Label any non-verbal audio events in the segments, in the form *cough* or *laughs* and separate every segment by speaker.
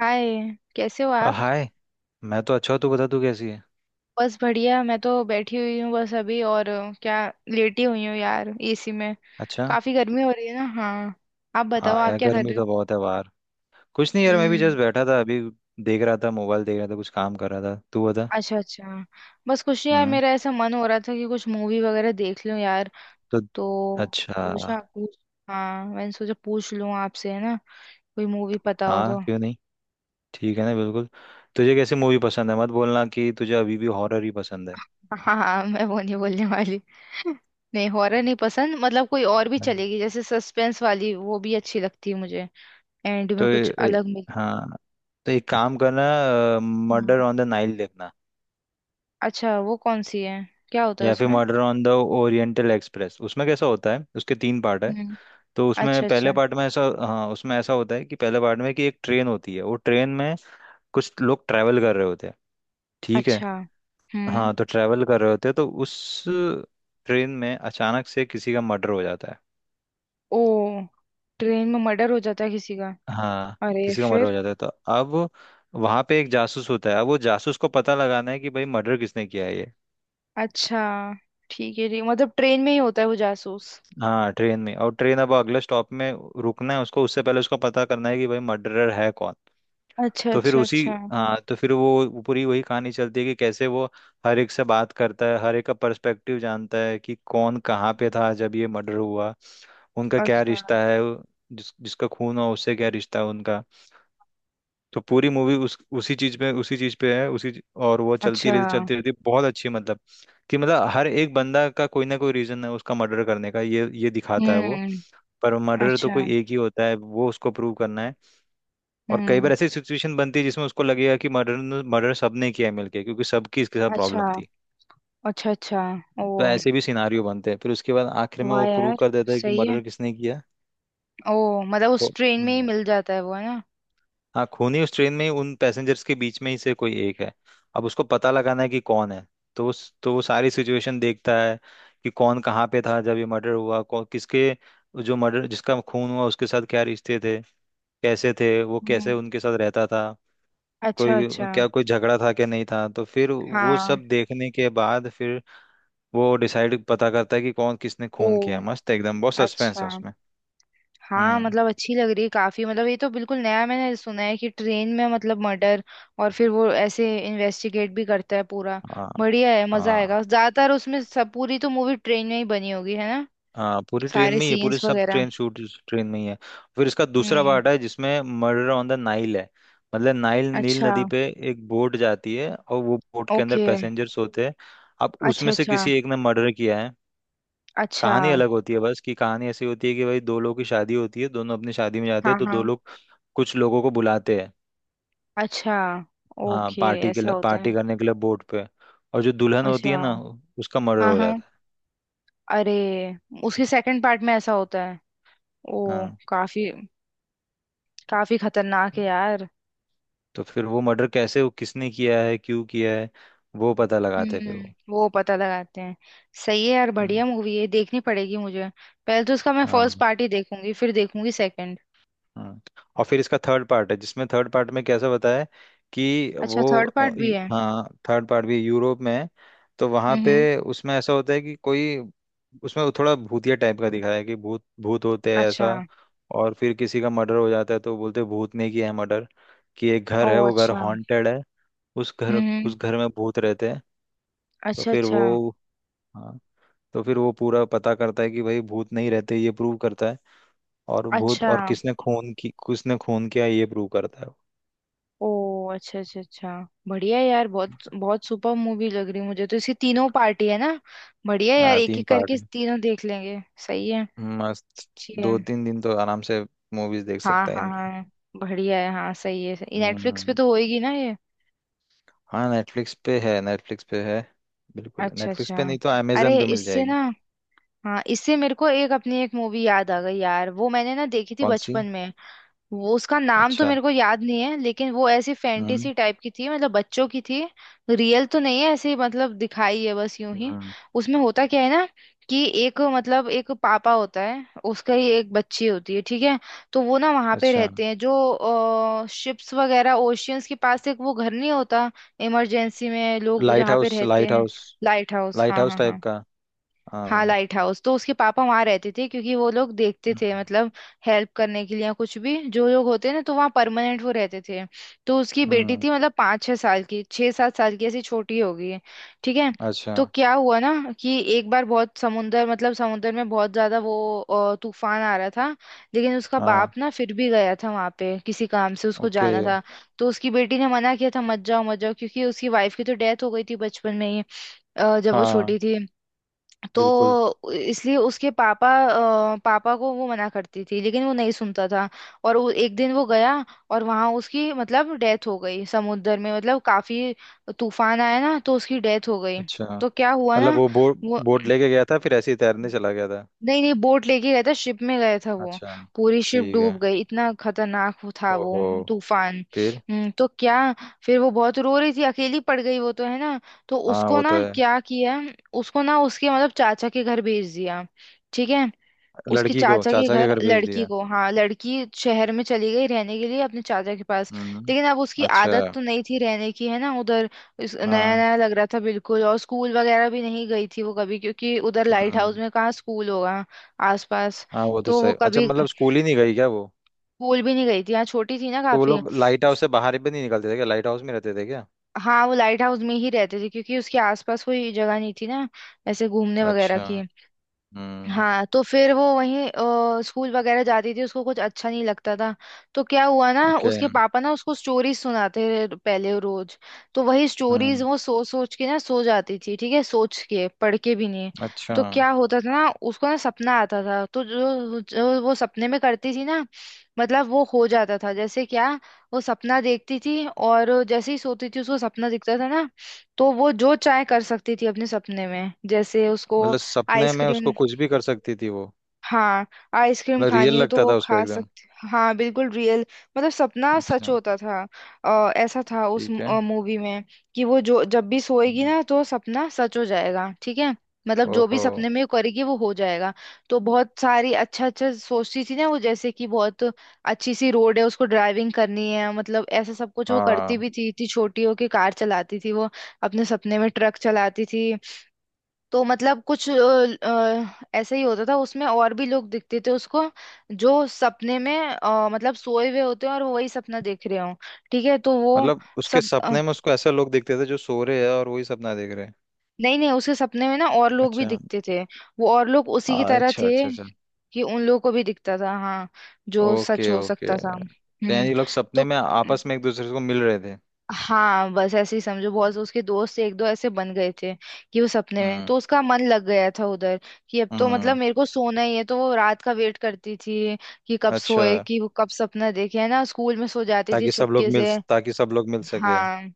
Speaker 1: हाय। कैसे हो आप?
Speaker 2: हाय। मैं तो अच्छा हूँ। तू बता, तू कैसी है?
Speaker 1: बस बढ़िया। मैं तो बैठी हुई हूँ बस अभी और क्या लेटी हुई हूँ यार एसी में।
Speaker 2: अच्छा।
Speaker 1: काफी गर्मी हो रही है ना। हाँ, आप
Speaker 2: हाँ
Speaker 1: बताओ, आप
Speaker 2: यार,
Speaker 1: क्या कर
Speaker 2: गर्मी
Speaker 1: रहे
Speaker 2: तो बहुत है बाहर। कुछ नहीं
Speaker 1: हो?
Speaker 2: यार, मैं भी
Speaker 1: हम्म।
Speaker 2: जस्ट बैठा था अभी। देख रहा था, मोबाइल देख रहा था, कुछ काम कर रहा था। तू बता।
Speaker 1: अच्छा अच्छा। बस कुछ नहीं यार,
Speaker 2: हम्म।
Speaker 1: मेरा ऐसा मन हो रहा था कि कुछ मूवी वगैरह देख लूं यार।
Speaker 2: तो,
Speaker 1: तो
Speaker 2: अच्छा।
Speaker 1: पूछा, पूछ। हाँ, मैंने सोचा पूछ लूं आपसे, है ना? कोई मूवी पता हो
Speaker 2: हाँ,
Speaker 1: तो।
Speaker 2: क्यों नहीं।
Speaker 1: *laughs*
Speaker 2: ठीक है ना, बिल्कुल। तुझे कैसी मूवी पसंद है? मत बोलना कि तुझे अभी भी हॉरर ही पसंद है।
Speaker 1: हाँ हाँ, मैं वो नहीं बोलने वाली। नहीं, हॉरर नहीं पसंद, मतलब कोई और भी
Speaker 2: हम्म।
Speaker 1: चलेगी, जैसे सस्पेंस वाली वो भी अच्छी लगती है मुझे। एंड
Speaker 2: तो
Speaker 1: में कुछ अलग मिल।
Speaker 2: हाँ, तो एक काम करना।
Speaker 1: हम्म।
Speaker 2: मर्डर ऑन द नाइल देखना।
Speaker 1: अच्छा वो कौन सी है? क्या होता है
Speaker 2: या फिर
Speaker 1: उसमें?
Speaker 2: Murder on the oriental express, उसमें कैसा होता है, उसके तीन पार्ट है।
Speaker 1: हम्म।
Speaker 2: तो उसमें
Speaker 1: अच्छा अच्छा
Speaker 2: पहले पार्ट में ऐसा, हाँ उसमें ऐसा होता है कि पहले पार्ट में कि एक ट्रेन होती है, वो ट्रेन में कुछ लोग ट्रैवल कर रहे होते हैं। ठीक है।
Speaker 1: अच्छा। हम्म।
Speaker 2: हाँ, तो ट्रैवल कर रहे होते हैं तो उस ट्रेन में अचानक से किसी का मर्डर हो जाता है।
Speaker 1: ओ। ट्रेन में मर्डर हो जाता है किसी का?
Speaker 2: हाँ,
Speaker 1: अरे,
Speaker 2: किसी का मर्डर हो
Speaker 1: फिर?
Speaker 2: जाता है तो अब वहां पे एक जासूस होता है। अब वो जासूस को पता लगाना है कि भाई मर्डर किसने किया है ये।
Speaker 1: अच्छा। ठीक है, ठीक, मतलब ट्रेन में ही होता है वो जासूस?
Speaker 2: हाँ, ट्रेन में। और ट्रेन अब अगले स्टॉप में रुकना है उसको, उससे पहले उसको पता करना है कि भाई मर्डरर है कौन।
Speaker 1: अच्छा
Speaker 2: तो फिर
Speaker 1: अच्छा
Speaker 2: उसी,
Speaker 1: अच्छा।
Speaker 2: हाँ तो फिर वो पूरी वही कहानी चलती है कि कैसे वो हर एक से बात करता है, हर एक का पर्सपेक्टिव जानता है कि कौन कहाँ पे था जब ये मर्डर हुआ, उनका क्या
Speaker 1: अच्छा
Speaker 2: रिश्ता है, जिस जिसका खून हुआ उससे क्या रिश्ता है उनका। तो पूरी मूवी उस उसी चीज पे है, और वो चलती
Speaker 1: अच्छा।
Speaker 2: रहती चलती रहती, बहुत अच्छी मतलब, कि मतलब हर एक बंदा का कोई ना कोई रीजन है उसका मर्डर करने का, ये दिखाता है वो।
Speaker 1: हम्म।
Speaker 2: पर मर्डर तो
Speaker 1: अच्छा।
Speaker 2: कोई एक ही होता है, वो उसको प्रूव करना है। और कई बार
Speaker 1: हम्म।
Speaker 2: ऐसी सिचुएशन बनती है जिसमें उसको लगेगा कि मर्डर मर्डर सबने किया है मिलके, क्योंकि सबकी इसके साथ
Speaker 1: अच्छा
Speaker 2: प्रॉब्लम थी।
Speaker 1: अच्छा अच्छा। ओ,
Speaker 2: तो ऐसे भी सिनारियो बनते हैं, फिर उसके बाद आखिर में
Speaker 1: वाह
Speaker 2: वो प्रूव
Speaker 1: यार!
Speaker 2: कर देता है कि
Speaker 1: सही है।
Speaker 2: मर्डर किसने किया
Speaker 1: ओ, मतलब
Speaker 2: वो।
Speaker 1: उस ट्रेन में ही मिल जाता है वो, है ना?
Speaker 2: हाँ, खून ही उस ट्रेन में ही उन पैसेंजर्स के बीच में ही से कोई एक है। अब उसको पता लगाना है कि कौन है। तो उस तो वो सारी सिचुएशन देखता है कि कौन कहाँ पे था जब ये मर्डर हुआ, कौन किसके, जो मर्डर जिसका खून हुआ उसके साथ क्या रिश्ते थे, कैसे थे वो, कैसे
Speaker 1: हम्म।
Speaker 2: उनके साथ रहता था,
Speaker 1: अच्छा
Speaker 2: कोई
Speaker 1: अच्छा।
Speaker 2: क्या कोई झगड़ा था, क्या नहीं था। तो फिर वो
Speaker 1: हाँ।
Speaker 2: सब देखने के बाद फिर वो डिसाइड पता करता है कि कौन किसने
Speaker 1: ओ,
Speaker 2: खून किया। मस्त है एकदम, बहुत
Speaker 1: अच्छा।
Speaker 2: सस्पेंस है उसमें।
Speaker 1: हाँ
Speaker 2: हम्म।
Speaker 1: मतलब अच्छी लग रही है काफी, मतलब ये तो बिल्कुल नया मैंने सुना है कि ट्रेन में मतलब मर्डर। और फिर वो ऐसे इन्वेस्टिगेट भी करता है पूरा।
Speaker 2: हाँ
Speaker 1: बढ़िया है, मजा
Speaker 2: हाँ।
Speaker 1: आएगा। ज्यादातर उसमें सब, पूरी तो मूवी ट्रेन में ही बनी होगी, है ना?
Speaker 2: हाँ, पूरी ट्रेन
Speaker 1: सारे
Speaker 2: में ही है, पूरी
Speaker 1: सीन्स
Speaker 2: सब
Speaker 1: वगैरह।
Speaker 2: ट्रेन शूट ट्रेन में ही है। फिर इसका दूसरा
Speaker 1: हम्म।
Speaker 2: पार्ट है जिसमें मर्डर ऑन द नाइल है। मतलब नाइल नील
Speaker 1: अच्छा।
Speaker 2: नदी पे एक बोट जाती है और वो बोट के अंदर
Speaker 1: ओके।
Speaker 2: पैसेंजर्स होते हैं। अब
Speaker 1: अच्छा
Speaker 2: उसमें से
Speaker 1: अच्छा
Speaker 2: किसी एक ने मर्डर किया है।
Speaker 1: अच्छा।
Speaker 2: कहानी अलग होती है बस, कि कहानी ऐसी होती है कि भाई दो लोगों की शादी होती है, दोनों अपनी शादी में जाते हैं,
Speaker 1: हाँ
Speaker 2: तो
Speaker 1: हाँ।
Speaker 2: दो लोग कुछ लोगों को बुलाते हैं।
Speaker 1: अच्छा।
Speaker 2: हाँ,
Speaker 1: ओके,
Speaker 2: पार्टी के
Speaker 1: ऐसा
Speaker 2: लिए,
Speaker 1: होता
Speaker 2: पार्टी
Speaker 1: है?
Speaker 2: करने के लिए बोट पे। और जो दुल्हन होती
Speaker 1: अच्छा।
Speaker 2: है ना, उसका मर्डर
Speaker 1: हाँ
Speaker 2: हो
Speaker 1: हाँ।
Speaker 2: जाता है।
Speaker 1: अरे। उसके सेकंड पार्ट में ऐसा होता है? ओ,
Speaker 2: हाँ।
Speaker 1: काफी काफी खतरनाक है यार।
Speaker 2: तो फिर वो मर्डर कैसे, वो किसने किया है, क्यों किया है, वो पता लगाते हैं
Speaker 1: हम्म,
Speaker 2: फिर वो।
Speaker 1: वो पता लगाते हैं। सही है यार,
Speaker 2: हम्म।
Speaker 1: बढ़िया मूवी है, देखनी पड़ेगी मुझे। पहले तो उसका मैं फर्स्ट
Speaker 2: हाँ।
Speaker 1: पार्ट ही देखूंगी, फिर देखूंगी सेकंड।
Speaker 2: हम्म। और फिर इसका थर्ड पार्ट है, जिसमें थर्ड पार्ट में कैसा बताया है कि
Speaker 1: अच्छा,
Speaker 2: वो
Speaker 1: थर्ड पार्ट भी है?
Speaker 2: हाँ, थर्ड पार्ट भी यूरोप में है। तो वहां
Speaker 1: हम्म।
Speaker 2: पे उसमें ऐसा होता है कि कोई, उसमें थोड़ा भूतिया टाइप का दिखाया है कि भूत भूत होते हैं
Speaker 1: अच्छा।
Speaker 2: ऐसा। और फिर किसी का मर्डर हो जाता है तो बोलते हैं भूत ने किया है मर्डर, कि एक
Speaker 1: ओ,
Speaker 2: घर है वो घर
Speaker 1: अच्छा।
Speaker 2: हॉन्टेड है। उस घर
Speaker 1: हम्म।
Speaker 2: उस घर में भूत रहते हैं। तो
Speaker 1: अच्छा
Speaker 2: फिर
Speaker 1: अच्छा
Speaker 2: वो, हाँ, तो फिर वो पूरा पता करता है कि भाई भूत नहीं रहते, ये प्रूव करता है। और भूत
Speaker 1: अच्छा।
Speaker 2: और किसने खून की किसने खून किया, ये प्रूव करता है वो।
Speaker 1: ओ, अच्छा अच्छा अच्छा। बढ़िया यार, बहुत बहुत सुपर मूवी लग रही मुझे तो, इसकी तीनों पार्टी है ना। बढ़िया यार, एक
Speaker 2: तीन
Speaker 1: एक
Speaker 2: पार्ट
Speaker 1: करके
Speaker 2: है।
Speaker 1: तीनों देख लेंगे। सही है।
Speaker 2: मस्त।
Speaker 1: ठीक है।
Speaker 2: दो तीन दिन तो आराम से मूवीज देख
Speaker 1: हाँ
Speaker 2: सकता है
Speaker 1: हाँ
Speaker 2: इनकी।
Speaker 1: हाँ, बढ़िया है। हाँ, सही है। नेटफ्लिक्स पे
Speaker 2: हम्म।
Speaker 1: तो होएगी ना ये?
Speaker 2: हाँ, नेटफ्लिक्स पे है, नेटफ्लिक्स पे है। बिल्कुल,
Speaker 1: अच्छा
Speaker 2: नेटफ्लिक्स
Speaker 1: अच्छा।
Speaker 2: पे नहीं तो
Speaker 1: अरे
Speaker 2: अमेजन पे मिल
Speaker 1: इससे
Speaker 2: जाएगी।
Speaker 1: ना। हाँ, इससे मेरे को एक अपनी एक मूवी याद आ गई यार, वो मैंने ना देखी थी
Speaker 2: कौन सी?
Speaker 1: बचपन में। वो, उसका नाम तो
Speaker 2: अच्छा।
Speaker 1: मेरे को याद नहीं है, लेकिन वो ऐसी
Speaker 2: हम्म।
Speaker 1: फैंटेसी टाइप की थी, मतलब बच्चों की थी। रियल तो नहीं है, ऐसे ही मतलब दिखाई है बस यूं ही।
Speaker 2: हम्म।
Speaker 1: उसमें होता क्या है ना, कि एक मतलब एक पापा होता है, उसका ही एक बच्ची होती है, ठीक है। तो वो ना वहां पे
Speaker 2: अच्छा।
Speaker 1: रहते हैं, जो शिप्स वगैरह ओशियंस के पास एक वो घर नहीं होता। इमरजेंसी में लोग
Speaker 2: लाइट
Speaker 1: जहाँ पे
Speaker 2: हाउस,
Speaker 1: रहते
Speaker 2: लाइट
Speaker 1: हैं।
Speaker 2: हाउस।
Speaker 1: लाइट हाउस
Speaker 2: लाइट
Speaker 1: हाँ
Speaker 2: हाउस
Speaker 1: हाँ
Speaker 2: टाइप
Speaker 1: हाँ।
Speaker 2: का।
Speaker 1: हाँ
Speaker 2: हाँ।
Speaker 1: लाइट हाउस, तो उसके पापा वहां रहते थे, क्योंकि वो लोग देखते थे
Speaker 2: हम्म।
Speaker 1: मतलब। हेल्प करने के लिए या कुछ भी, जो लोग होते हैं ना, तो वहाँ परमानेंट वो रहते थे। तो उसकी बेटी
Speaker 2: हम्म।
Speaker 1: थी मतलब 5-6 साल की, 6-7 साल की, ऐसी छोटी होगी। ठीक है।
Speaker 2: अच्छा।
Speaker 1: तो क्या हुआ ना, कि एक बार बहुत समुंदर मतलब समुंदर में बहुत ज्यादा वो तूफान आ रहा था। लेकिन उसका
Speaker 2: हाँ।
Speaker 1: बाप ना फिर भी गया था वहां पे, किसी काम से उसको
Speaker 2: ओके।
Speaker 1: जाना था। तो उसकी बेटी ने मना किया था, मत जाओ मत जाओ, क्योंकि उसकी वाइफ की तो डेथ हो गई थी बचपन में ही। जब वो
Speaker 2: हाँ,
Speaker 1: छोटी थी।
Speaker 2: बिल्कुल।
Speaker 1: तो इसलिए उसके पापा पापा को वो मना करती थी, लेकिन वो नहीं सुनता था। और वो एक दिन वो गया। और वहां उसकी मतलब डेथ हो गई समुद्र में, मतलब काफी तूफान आया ना तो उसकी डेथ हो गई।
Speaker 2: अच्छा,
Speaker 1: तो क्या हुआ
Speaker 2: मतलब
Speaker 1: ना
Speaker 2: वो बोर्ड
Speaker 1: वो।
Speaker 2: बोर्ड लेके गया था, फिर ऐसे ही तैरने चला गया था?
Speaker 1: नहीं नहीं, बोट लेके गया था, शिप में गया था वो।
Speaker 2: अच्छा।
Speaker 1: पूरी शिप
Speaker 2: ठीक है।
Speaker 1: डूब गई, इतना खतरनाक वो था वो
Speaker 2: ओहो।
Speaker 1: तूफान।
Speaker 2: फिर?
Speaker 1: हम्म। तो क्या, फिर वो बहुत रो रही थी, अकेली पड़ गई वो तो, है ना। तो
Speaker 2: हाँ,
Speaker 1: उसको
Speaker 2: वो तो
Speaker 1: ना
Speaker 2: है।
Speaker 1: क्या किया, उसको ना उसके मतलब चाचा के घर भेज दिया, ठीक है। उसके
Speaker 2: लड़की को
Speaker 1: चाचा के
Speaker 2: चाचा के
Speaker 1: घर
Speaker 2: घर भेज
Speaker 1: लड़की
Speaker 2: दिया।
Speaker 1: को, हाँ, लड़की शहर में चली गई रहने के लिए अपने चाचा के पास।
Speaker 2: हम्म।
Speaker 1: लेकिन अब उसकी
Speaker 2: अच्छा।
Speaker 1: आदत तो नहीं थी रहने की, है ना, उधर। नया
Speaker 2: हाँ।
Speaker 1: नया लग रहा था बिल्कुल, और स्कूल वगैरह भी नहीं गई थी वो कभी, क्योंकि उधर लाइट हाउस
Speaker 2: हम्म।
Speaker 1: में कहाँ स्कूल होगा आसपास।
Speaker 2: हाँ, वो तो
Speaker 1: तो वो
Speaker 2: सही। अच्छा,
Speaker 1: कभी
Speaker 2: मतलब स्कूल ही नहीं गई क्या वो?
Speaker 1: स्कूल भी नहीं गई थी, हाँ, छोटी थी ना
Speaker 2: तो वो
Speaker 1: काफी।
Speaker 2: लोग लाइट हाउस से बाहर भी नहीं निकलते थे क्या, लाइट हाउस में रहते थे क्या?
Speaker 1: हाँ, वो लाइट हाउस में ही रहते थे, क्योंकि उसके आसपास कोई जगह नहीं थी ना, ऐसे घूमने वगैरह
Speaker 2: अच्छा।
Speaker 1: की।
Speaker 2: हम्म।
Speaker 1: हाँ, तो फिर वो वहीं स्कूल वगैरह जाती थी, उसको कुछ अच्छा नहीं लगता था। तो क्या हुआ ना,
Speaker 2: ओके।
Speaker 1: उसके पापा ना उसको स्टोरीज सुनाते रहे पहले रोज। तो वही स्टोरीज
Speaker 2: हम्म।
Speaker 1: वो सोच सोच के ना सो जाती थी, ठीक है, सोच के पढ़ के भी नहीं।
Speaker 2: अच्छा।
Speaker 1: तो क्या होता था ना, उसको ना सपना आता था, तो जो जो वो सपने में करती थी ना। मतलब वो हो जाता था, जैसे क्या। वो सपना देखती थी और जैसे ही सोती थी उसको सपना दिखता था ना। तो वो जो चाहे कर सकती थी अपने सपने में, जैसे उसको
Speaker 2: मतलब सपने में
Speaker 1: आइसक्रीम।
Speaker 2: उसको कुछ भी कर सकती थी वो?
Speaker 1: हाँ, आइसक्रीम
Speaker 2: मतलब रियल
Speaker 1: खानी हो तो
Speaker 2: लगता
Speaker 1: वो
Speaker 2: था उसको
Speaker 1: खा
Speaker 2: एकदम?
Speaker 1: सकते, हाँ बिल्कुल रियल। मतलब सपना सच
Speaker 2: अच्छा।
Speaker 1: होता था। ऐसा था उस
Speaker 2: ठीक है।
Speaker 1: मूवी में। कि वो जो जब भी सोएगी
Speaker 2: हम्म।
Speaker 1: ना तो सपना सच हो जाएगा, ठीक है। मतलब जो भी
Speaker 2: ओहो।
Speaker 1: सपने में वो करेगी वो हो जाएगा। तो बहुत सारी अच्छा अच्छा सोचती थी ना वो, जैसे कि बहुत अच्छी सी रोड है, उसको ड्राइविंग करनी है, मतलब ऐसा सब कुछ वो
Speaker 2: हाँ,
Speaker 1: करती भी थी, इतनी छोटी होके कार चलाती थी वो। अपने सपने में ट्रक चलाती थी। तो मतलब कुछ ऐसे ही होता था, उसमें और भी लोग दिखते थे उसको। जो सपने में मतलब सोए हुए होते हैं और वो वही सपना देख रहे हो, ठीक है, तो वो।
Speaker 2: मतलब उसके
Speaker 1: सब
Speaker 2: सपने में उसको ऐसे लोग दिखते थे जो सो रहे हैं और वही सपना देख रहे हैं?
Speaker 1: नहीं नहीं, उसके सपने में ना और लोग भी
Speaker 2: अच्छा।
Speaker 1: दिखते थे। वो और लोग उसी की तरह
Speaker 2: अच्छा,
Speaker 1: थे,
Speaker 2: अच्छा, अच्छा।
Speaker 1: कि उन लोगों को भी दिखता था, हाँ, जो सच
Speaker 2: ओके,
Speaker 1: हो
Speaker 2: ओके,
Speaker 1: सकता था,
Speaker 2: तो
Speaker 1: हम्म।
Speaker 2: यानी ये लोग सपने
Speaker 1: तो
Speaker 2: में आपस में एक दूसरे को मिल रहे थे?
Speaker 1: हाँ, बस ऐसे ही समझो, बहुत उसके दोस्त एक दो ऐसे बन गए थे। कि वो सपने में
Speaker 2: हम्म।
Speaker 1: तो उसका मन लग गया था उधर। कि अब तो मतलब
Speaker 2: हम्म।
Speaker 1: मेरे को सोना ही है, तो वो रात का वेट करती थी। कि कब
Speaker 2: अच्छा।
Speaker 1: सोए, कि वो कब सपना देखे, है ना, स्कूल में सो जाती थी चुपके से।
Speaker 2: ताकि सब लोग मिल सके।
Speaker 1: हाँ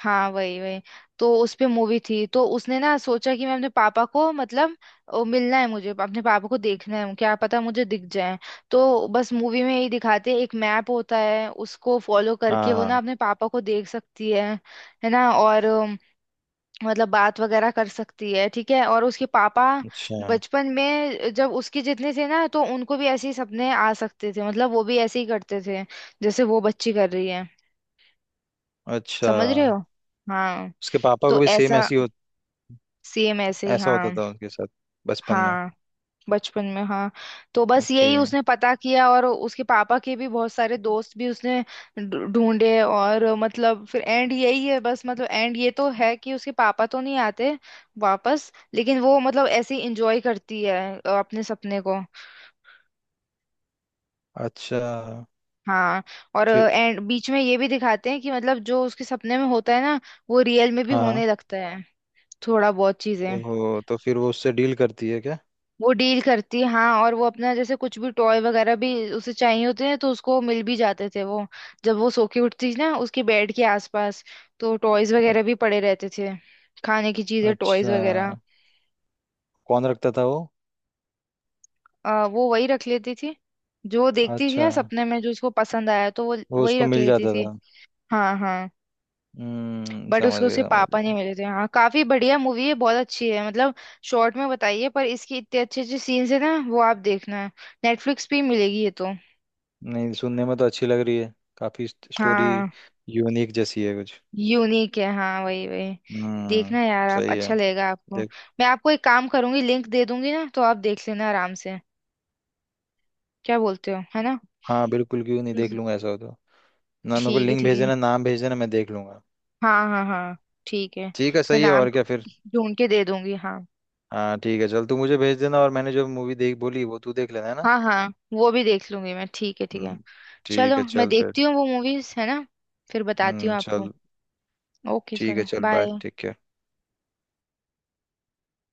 Speaker 1: हाँ वही वही। तो उस पे मूवी थी, तो उसने ना सोचा कि मैं अपने पापा को मतलब। ओ, मिलना है मुझे अपने पापा को, देखना है, क्या पता मुझे दिख जाए। तो बस मूवी में यही दिखाते हैं, एक मैप होता है, उसको फॉलो करके
Speaker 2: हाँ,
Speaker 1: वो ना
Speaker 2: हाँ।
Speaker 1: अपने पापा को देख सकती है। है ना, और मतलब बात वगैरह कर सकती है, ठीक है, और उसके पापा।
Speaker 2: अच्छा,
Speaker 1: बचपन में जब उसके जितने थे ना, तो उनको भी ऐसे ही सपने आ सकते थे, मतलब वो भी ऐसे ही करते थे जैसे वो बच्ची कर रही है।
Speaker 2: अच्छा।
Speaker 1: समझ रहे हो। हाँ।
Speaker 2: उसके पापा को
Speaker 1: तो
Speaker 2: भी
Speaker 1: ऐसा सेम ऐसे ही
Speaker 2: ऐसा होता
Speaker 1: हाँ।
Speaker 2: था उनके साथ बचपन में।
Speaker 1: हाँ, बचपन में हाँ। तो बस
Speaker 2: ओके।
Speaker 1: यही उसने पता किया और उसके पापा के भी बहुत सारे दोस्त भी उसने ढूंढे। और मतलब फिर एंड यही है बस, मतलब एंड ये तो है कि उसके पापा तो नहीं आते वापस, लेकिन वो मतलब ऐसे ही इंजॉय करती है अपने सपने को।
Speaker 2: अच्छा।
Speaker 1: हाँ। और
Speaker 2: फिर?
Speaker 1: एंड बीच में ये भी दिखाते हैं कि मतलब जो उसके सपने में होता है ना, वो रियल में भी
Speaker 2: हाँ, हाँ।
Speaker 1: होने लगता है, थोड़ा बहुत चीजें।
Speaker 2: ओहो, तो फिर वो उससे डील करती है क्या?
Speaker 1: वो डील करती, हाँ, और वो अपना जैसे कुछ भी टॉय वगैरह भी उसे चाहिए होते हैं तो उसको मिल भी जाते थे वो। जब वो सो के उठती ना, उसके बेड के आसपास तो टॉयज वगैरह भी पड़े रहते थे। खाने की चीजें, टॉयज
Speaker 2: अच्छा।
Speaker 1: वगैरह।
Speaker 2: कौन रखता था वो?
Speaker 1: वो वही रख लेती थी। जो देखती थी
Speaker 2: अच्छा।
Speaker 1: ना सपने में, जो उसको पसंद आया तो वो
Speaker 2: वो
Speaker 1: वही
Speaker 2: उसको
Speaker 1: रख
Speaker 2: मिल
Speaker 1: लेती
Speaker 2: जाता
Speaker 1: थी।
Speaker 2: था।
Speaker 1: हाँ हाँ।
Speaker 2: हम्म,
Speaker 1: बट
Speaker 2: समझ
Speaker 1: उसको उसके
Speaker 2: गया, समझ
Speaker 1: पापा नहीं
Speaker 2: गया।
Speaker 1: मिले थे, हाँ, काफी बढ़िया मूवी है, बहुत अच्छी है मतलब। शॉर्ट में बताइए, पर इसकी इतने अच्छे अच्छे सीन्स है ना, वो आप देखना, नेटफ्लिक्स पे ही मिलेगी ये तो।
Speaker 2: नहीं, सुनने में तो अच्छी लग रही है। काफी स्टोरी
Speaker 1: हाँ,
Speaker 2: यूनिक जैसी है कुछ।
Speaker 1: यूनिक है, हाँ वही वही।
Speaker 2: हम्म।
Speaker 1: देखना यार आप,
Speaker 2: सही है।
Speaker 1: अच्छा लगेगा आपको।
Speaker 2: देख।
Speaker 1: मैं आपको एक काम करूंगी, लिंक दे दूंगी ना तो आप देख लेना आराम से, क्या बोलते हो, है ना?
Speaker 2: हाँ, बिल्कुल, क्यों नहीं, देख
Speaker 1: हम्म।
Speaker 2: लूंगा ऐसा हो तो। ना, मेरे को
Speaker 1: ठीक है
Speaker 2: लिंक भेज
Speaker 1: ठीक है।
Speaker 2: देना, नाम भेज देना, मैं देख लूंगा।
Speaker 1: हाँ हाँ हाँ ठीक है।
Speaker 2: ठीक है,
Speaker 1: मैं
Speaker 2: सही है,
Speaker 1: नाम
Speaker 2: और क्या फिर?
Speaker 1: ढूंढ के दे दूंगी। हाँ
Speaker 2: हाँ, ठीक है, चल तू मुझे भेज देना, और मैंने जो मूवी देख बोली वो तू देख लेना, है ना?
Speaker 1: हाँ हाँ, वो भी देख लूंगी मैं, ठीक है ठीक है।
Speaker 2: हम्म। ठीक
Speaker 1: चलो
Speaker 2: है,
Speaker 1: मैं
Speaker 2: चल फिर।
Speaker 1: देखती हूँ वो मूवीज, है ना, फिर बताती हूँ
Speaker 2: हम्म,
Speaker 1: आपको।
Speaker 2: चल।
Speaker 1: ओके,
Speaker 2: ठीक है,
Speaker 1: चलो
Speaker 2: चल बाय,
Speaker 1: बाय।
Speaker 2: ठीक है।